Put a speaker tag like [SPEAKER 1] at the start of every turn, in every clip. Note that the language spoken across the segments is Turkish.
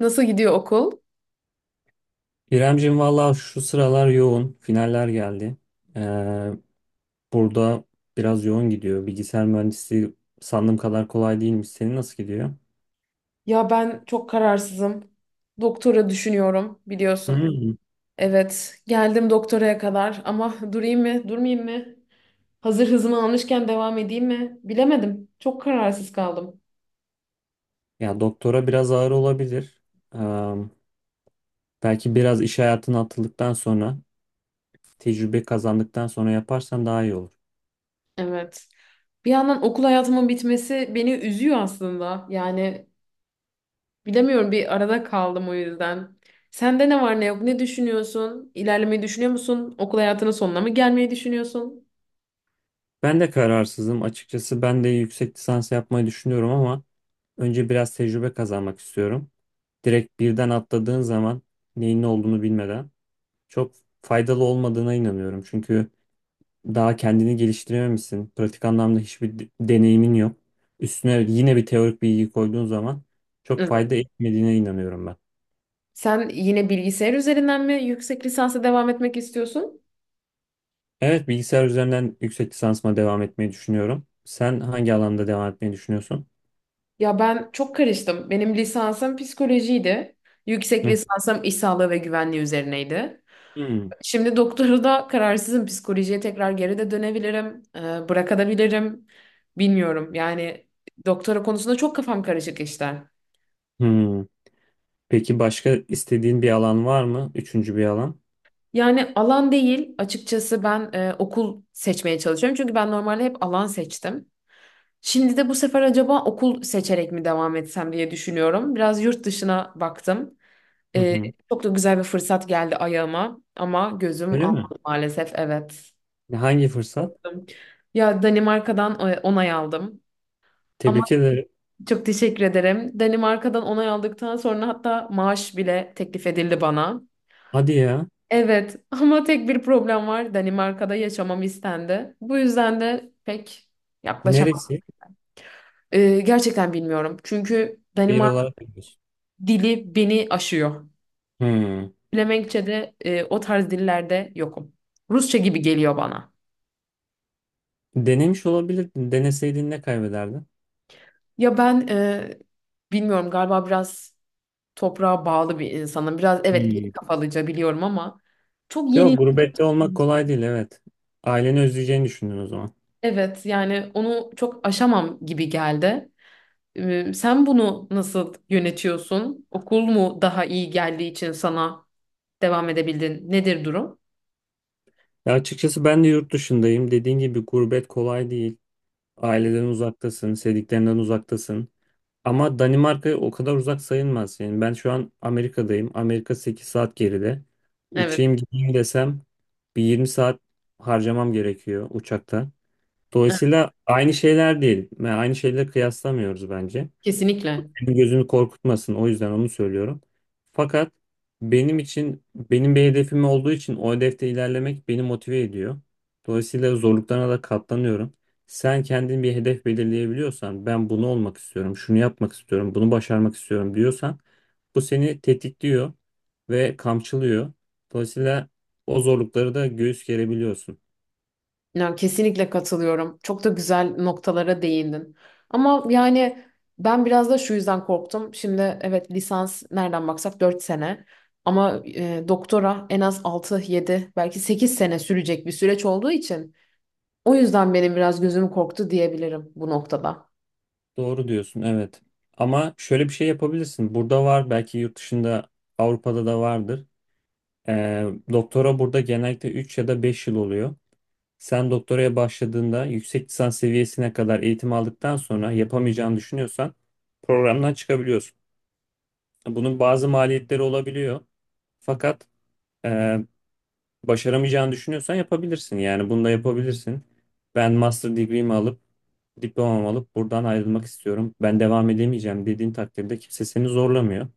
[SPEAKER 1] Nasıl gidiyor okul?
[SPEAKER 2] İremcim valla şu sıralar yoğun. Finaller geldi. Ee, burada biraz yoğun gidiyor. Bilgisayar mühendisliği sandığım kadar kolay değilmiş. Senin nasıl gidiyor?
[SPEAKER 1] Ya ben çok kararsızım. Doktora düşünüyorum biliyorsun.
[SPEAKER 2] Hmm.
[SPEAKER 1] Evet, geldim doktoraya kadar ama durayım mı, durmayayım mı? Hazır hızımı almışken devam edeyim mi? Bilemedim. Çok kararsız kaldım.
[SPEAKER 2] Ya doktora biraz ağır olabilir. Ee, belki biraz iş hayatına atıldıktan sonra, tecrübe kazandıktan sonra yaparsan daha iyi olur.
[SPEAKER 1] Evet. Bir yandan okul hayatımın bitmesi beni üzüyor aslında. Yani bilemiyorum, bir arada kaldım o yüzden. Sende ne var ne yok, ne düşünüyorsun? İlerlemeyi düşünüyor musun? Okul hayatının sonuna mı gelmeyi düşünüyorsun?
[SPEAKER 2] Ben de kararsızım. Açıkçası ben de yüksek lisans yapmayı düşünüyorum ama önce biraz tecrübe kazanmak istiyorum. Direkt birden atladığın zaman neyin ne olduğunu bilmeden çok faydalı olmadığına inanıyorum. Çünkü daha kendini geliştirememişsin. Pratik anlamda hiçbir deneyimin yok. Üstüne yine bir teorik bilgi koyduğun zaman çok
[SPEAKER 1] Evet.
[SPEAKER 2] fayda etmediğine inanıyorum ben.
[SPEAKER 1] Sen yine bilgisayar üzerinden mi yüksek lisansa devam etmek istiyorsun?
[SPEAKER 2] Evet, bilgisayar üzerinden yüksek lisansıma devam etmeyi düşünüyorum. Sen hangi alanda devam etmeyi düşünüyorsun?
[SPEAKER 1] Ya ben çok karıştım. Benim lisansım psikolojiydi. Yüksek
[SPEAKER 2] Hı.
[SPEAKER 1] lisansım iş sağlığı ve güvenliği üzerineydi.
[SPEAKER 2] Hmm.
[SPEAKER 1] Şimdi doktoru da kararsızım. Psikolojiye tekrar geri de dönebilirim. Bırakabilirim. Bilmiyorum. Yani doktora konusunda çok kafam karışık işte.
[SPEAKER 2] Hmm. Peki başka istediğin bir alan var mı? Üçüncü bir alan.
[SPEAKER 1] Yani alan değil. Açıkçası ben okul seçmeye çalışıyorum. Çünkü ben normalde hep alan seçtim. Şimdi de bu sefer acaba okul seçerek mi devam etsem diye düşünüyorum. Biraz yurt dışına baktım.
[SPEAKER 2] Hı
[SPEAKER 1] E,
[SPEAKER 2] hı.
[SPEAKER 1] Çok da güzel bir fırsat geldi ayağıma. Ama gözüm
[SPEAKER 2] Öyle mi?
[SPEAKER 1] almadı maalesef. Evet.
[SPEAKER 2] Hangi fırsat?
[SPEAKER 1] Korktum. Ya Danimarka'dan onay aldım. ama
[SPEAKER 2] Tebrik ederim.
[SPEAKER 1] Çok teşekkür ederim. Danimarka'dan onay aldıktan sonra hatta maaş bile teklif edildi bana.
[SPEAKER 2] Hadi ya.
[SPEAKER 1] Evet, ama tek bir problem var. Danimarka'da yaşamam istendi. Bu yüzden de pek yaklaşamam.
[SPEAKER 2] Neresi?
[SPEAKER 1] Gerçekten bilmiyorum. Çünkü
[SPEAKER 2] Şehir
[SPEAKER 1] Danimark
[SPEAKER 2] olarak biliyorsun.
[SPEAKER 1] dili beni aşıyor.
[SPEAKER 2] Hmm.
[SPEAKER 1] Flemenkçe'de o tarz dillerde yokum. Rusça gibi geliyor bana.
[SPEAKER 2] Denemiş olabilirdin. Deneseydin ne kaybederdin?
[SPEAKER 1] Ya ben, bilmiyorum, galiba biraz toprağa bağlı bir insanım. Biraz, evet, geri
[SPEAKER 2] Hmm.
[SPEAKER 1] kafalıca biliyorum ama çok
[SPEAKER 2] Yok,
[SPEAKER 1] yeni.
[SPEAKER 2] gurbette olmak kolay değil, evet. Aileni özleyeceğini düşündün o zaman.
[SPEAKER 1] Evet, yani onu çok aşamam gibi geldi. Sen bunu nasıl yönetiyorsun? Okul mu daha iyi geldiği için sana devam edebildin? Nedir durum?
[SPEAKER 2] Ya açıkçası ben de yurt dışındayım. Dediğin gibi gurbet kolay değil. Aileden uzaktasın, sevdiklerinden uzaktasın. Ama Danimarka o kadar uzak sayılmaz. Yani ben şu an Amerika'dayım. Amerika 8 saat geride.
[SPEAKER 1] Evet,
[SPEAKER 2] Uçayım gideyim desem bir 20 saat harcamam gerekiyor uçakta.
[SPEAKER 1] evet,
[SPEAKER 2] Dolayısıyla aynı şeyler değil. Yani aynı şeyleri kıyaslamıyoruz bence.
[SPEAKER 1] kesinlikle.
[SPEAKER 2] Beni gözünü korkutmasın, o yüzden onu söylüyorum. Fakat benim için benim bir hedefim olduğu için o hedefte ilerlemek beni motive ediyor. Dolayısıyla zorluklarına da katlanıyorum. Sen kendin bir hedef belirleyebiliyorsan, ben bunu olmak istiyorum, şunu yapmak istiyorum, bunu başarmak istiyorum diyorsan bu seni tetikliyor ve kamçılıyor. Dolayısıyla o zorlukları da göğüs gerebiliyorsun.
[SPEAKER 1] Yani kesinlikle katılıyorum. Çok da güzel noktalara değindin. Ama yani ben biraz da şu yüzden korktum. Şimdi evet, lisans nereden baksak 4 sene. Ama doktora en az 6, 7, belki 8 sene sürecek bir süreç olduğu için, o yüzden benim biraz gözüm korktu diyebilirim bu noktada.
[SPEAKER 2] Doğru diyorsun, evet. Ama şöyle bir şey yapabilirsin. Burada var, belki yurt dışında Avrupa'da da vardır. Ee, doktora burada genellikle 3 ya da 5 yıl oluyor. Sen doktoraya başladığında yüksek lisans seviyesine kadar eğitim aldıktan sonra yapamayacağını düşünüyorsan programdan çıkabiliyorsun. Bunun bazı maliyetleri olabiliyor. Fakat e, başaramayacağını düşünüyorsan yapabilirsin. Yani bunu da yapabilirsin. Ben master degree'mi alıp diplomamı alıp buradan ayrılmak istiyorum. Ben devam edemeyeceğim dediğin takdirde kimse seni zorlamıyor.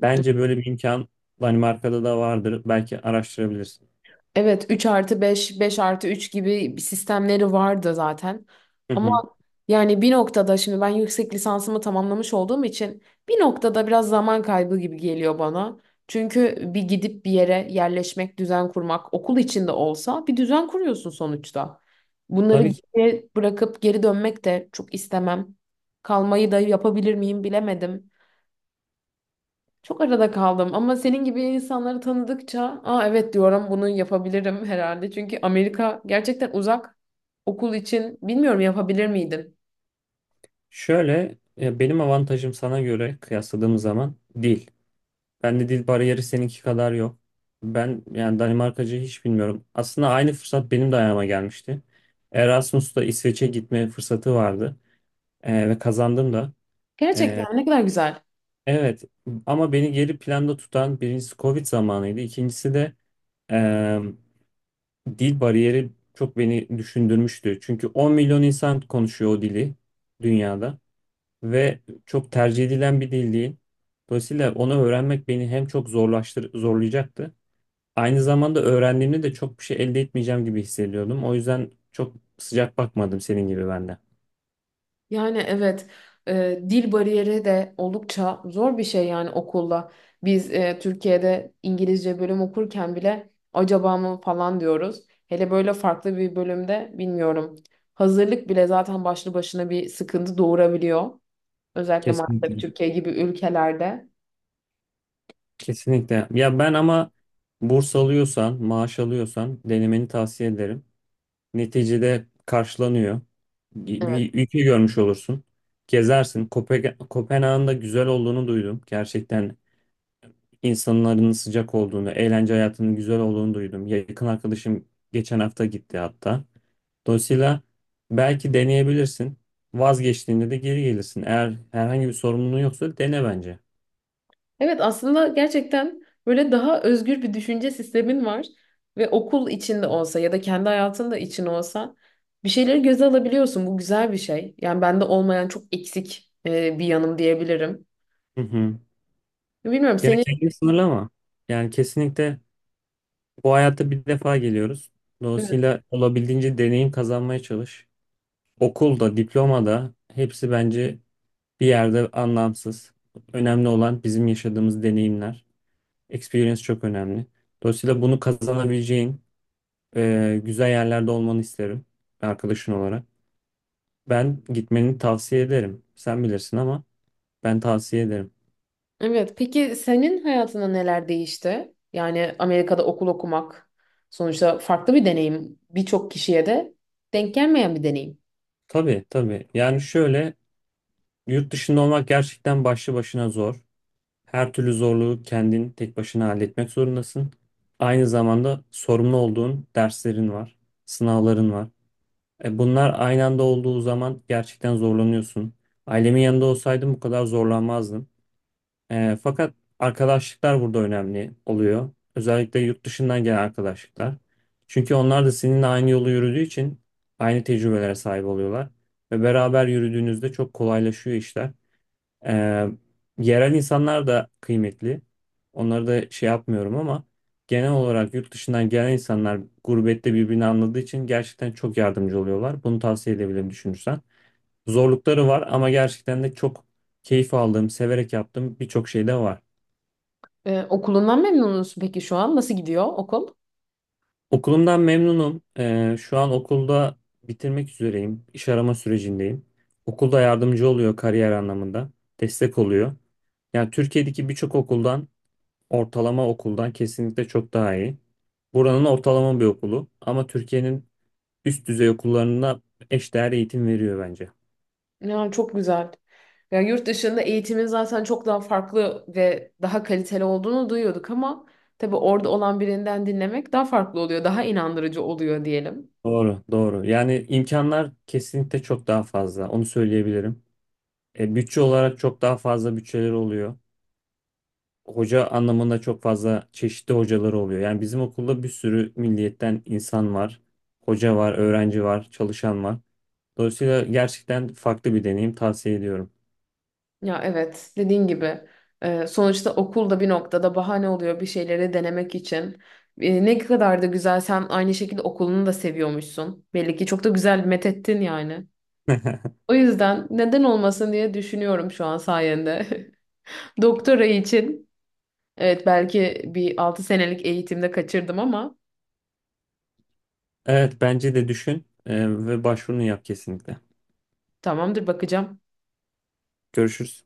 [SPEAKER 2] Bence böyle bir imkan Danimarka'da da vardır. Belki araştırabilirsin.
[SPEAKER 1] Evet, 3 artı 5, 5 artı 3 gibi sistemleri vardı zaten.
[SPEAKER 2] Hı
[SPEAKER 1] Ama
[SPEAKER 2] hı.
[SPEAKER 1] yani bir noktada şimdi ben yüksek lisansımı tamamlamış olduğum için bir noktada biraz zaman kaybı gibi geliyor bana. Çünkü bir gidip bir yere yerleşmek, düzen kurmak, okul içinde olsa bir düzen kuruyorsun sonuçta. Bunları
[SPEAKER 2] Tabii ki.
[SPEAKER 1] geriye bırakıp geri dönmek de çok istemem. Kalmayı da yapabilir miyim, bilemedim. Çok arada kaldım ama senin gibi insanları tanıdıkça aa, evet diyorum, bunu yapabilirim herhalde. Çünkü Amerika gerçekten uzak, okul için bilmiyorum yapabilir miydim?
[SPEAKER 2] Şöyle benim avantajım sana göre kıyasladığım zaman dil. Bende dil bariyeri seninki kadar yok. Ben yani Danimarkacı hiç bilmiyorum. Aslında aynı fırsat benim de ayağıma gelmişti. Erasmus'ta İsveç'e gitme fırsatı vardı, ve kazandım da. E,
[SPEAKER 1] Gerçekten ne kadar güzel.
[SPEAKER 2] evet, ama beni geri planda tutan birincisi Covid zamanıydı. İkincisi de e, dil bariyeri çok beni düşündürmüştü. Çünkü 10 milyon insan konuşuyor o dili dünyada. Ve çok tercih edilen bir dil değil. Dolayısıyla onu öğrenmek beni hem çok zorlayacaktı. Aynı zamanda öğrendiğimde de çok bir şey elde etmeyeceğim gibi hissediyordum. O yüzden çok sıcak bakmadım senin gibi ben de.
[SPEAKER 1] Yani evet, dil bariyeri de oldukça zor bir şey yani okulda. Biz Türkiye'de İngilizce bölüm okurken bile acaba mı falan diyoruz. Hele böyle farklı bir bölümde bilmiyorum. Hazırlık bile zaten başlı başına bir sıkıntı doğurabiliyor. Özellikle maalesef
[SPEAKER 2] Kesinlikle.
[SPEAKER 1] Türkiye gibi ülkelerde.
[SPEAKER 2] Kesinlikle. Ya ben ama burs alıyorsan, maaş alıyorsan denemeni tavsiye ederim. Neticede karşılanıyor. Bir
[SPEAKER 1] Evet.
[SPEAKER 2] bir ülke görmüş olursun. Gezersin. Kopenhag'ın da güzel olduğunu duydum. Gerçekten insanların sıcak olduğunu, eğlence hayatının güzel olduğunu duydum. Yakın arkadaşım geçen hafta gitti hatta. Dolayısıyla belki deneyebilirsin. Vazgeçtiğinde de geri gelirsin. Eğer herhangi bir sorumluluğun yoksa dene bence.
[SPEAKER 1] Evet, aslında gerçekten böyle daha özgür bir düşünce sistemin var ve okul içinde olsa ya da kendi hayatında için olsa bir şeyleri göze alabiliyorsun. Bu güzel bir şey. Yani bende olmayan çok eksik bir yanım diyebilirim.
[SPEAKER 2] Hı hı.
[SPEAKER 1] Bilmiyorum
[SPEAKER 2] Ya
[SPEAKER 1] senin
[SPEAKER 2] kendini sınırlama. Yani kesinlikle bu hayatta bir defa geliyoruz. Dolayısıyla olabildiğince deneyim kazanmaya çalış. Okulda, diplomada hepsi bence bir yerde anlamsız. Önemli olan bizim yaşadığımız deneyimler. Experience çok önemli. Dolayısıyla bunu kazanabileceğin güzel yerlerde olmanı isterim arkadaşın olarak. Ben gitmeni tavsiye ederim. Sen bilirsin ama ben tavsiye ederim.
[SPEAKER 1] Evet, peki senin hayatında neler değişti? Yani Amerika'da okul okumak sonuçta farklı bir deneyim. Birçok kişiye de denk gelmeyen bir deneyim.
[SPEAKER 2] Tabii tabii. Yani şöyle, yurt dışında olmak gerçekten başlı başına zor. Her türlü zorluğu kendin tek başına halletmek zorundasın. Aynı zamanda sorumlu olduğun derslerin var, sınavların var. Bunlar aynı anda olduğu zaman gerçekten zorlanıyorsun. Ailemin yanında olsaydım bu kadar zorlanmazdım. Fakat arkadaşlıklar burada önemli oluyor. Özellikle yurt dışından gelen arkadaşlıklar. Çünkü onlar da seninle aynı yolu yürüdüğü için aynı tecrübelere sahip oluyorlar. Ve beraber yürüdüğünüzde çok kolaylaşıyor işler. Ee, yerel insanlar da kıymetli. Onları da şey yapmıyorum ama genel olarak yurt dışından gelen insanlar gurbette birbirini anladığı için gerçekten çok yardımcı oluyorlar. Bunu tavsiye edebilirim düşünürsen. Zorlukları var ama gerçekten de çok keyif aldığım, severek yaptığım birçok şey de var.
[SPEAKER 1] Okulundan memnun musun peki şu an? Nasıl gidiyor okul?
[SPEAKER 2] Okulumdan memnunum. Şu an okulda bitirmek üzereyim. İş arama sürecindeyim. Okulda yardımcı oluyor kariyer anlamında. Destek oluyor. Yani Türkiye'deki birçok okuldan, ortalama okuldan kesinlikle çok daha iyi. Buranın ortalama bir okulu ama Türkiye'nin üst düzey okullarına eşdeğer eğitim veriyor bence.
[SPEAKER 1] Ya çok güzel. Ya yurt dışında eğitimin zaten çok daha farklı ve daha kaliteli olduğunu duyuyorduk ama tabii orada olan birinden dinlemek daha farklı oluyor, daha inandırıcı oluyor diyelim.
[SPEAKER 2] Doğru, doğru. Yani imkanlar kesinlikle çok daha fazla. Onu söyleyebilirim. Bütçe olarak çok daha fazla bütçeleri oluyor. Hoca anlamında çok fazla çeşitli hocaları oluyor. Yani bizim okulda bir sürü milliyetten insan var. Hoca var, öğrenci var, çalışan var. Dolayısıyla gerçekten farklı bir deneyim tavsiye ediyorum.
[SPEAKER 1] Ya evet, dediğin gibi, sonuçta okul da bir noktada bahane oluyor bir şeyleri denemek için. Ne kadar da güzel, sen aynı şekilde okulunu da seviyormuşsun. Belli ki çok da güzel methettin yani. O yüzden neden olmasın diye düşünüyorum şu an sayende. Doktora için evet, belki bir 6 senelik eğitimde kaçırdım ama
[SPEAKER 2] Evet bence de düşün ve başvurunu yap kesinlikle.
[SPEAKER 1] tamamdır, bakacağım.
[SPEAKER 2] Görüşürüz.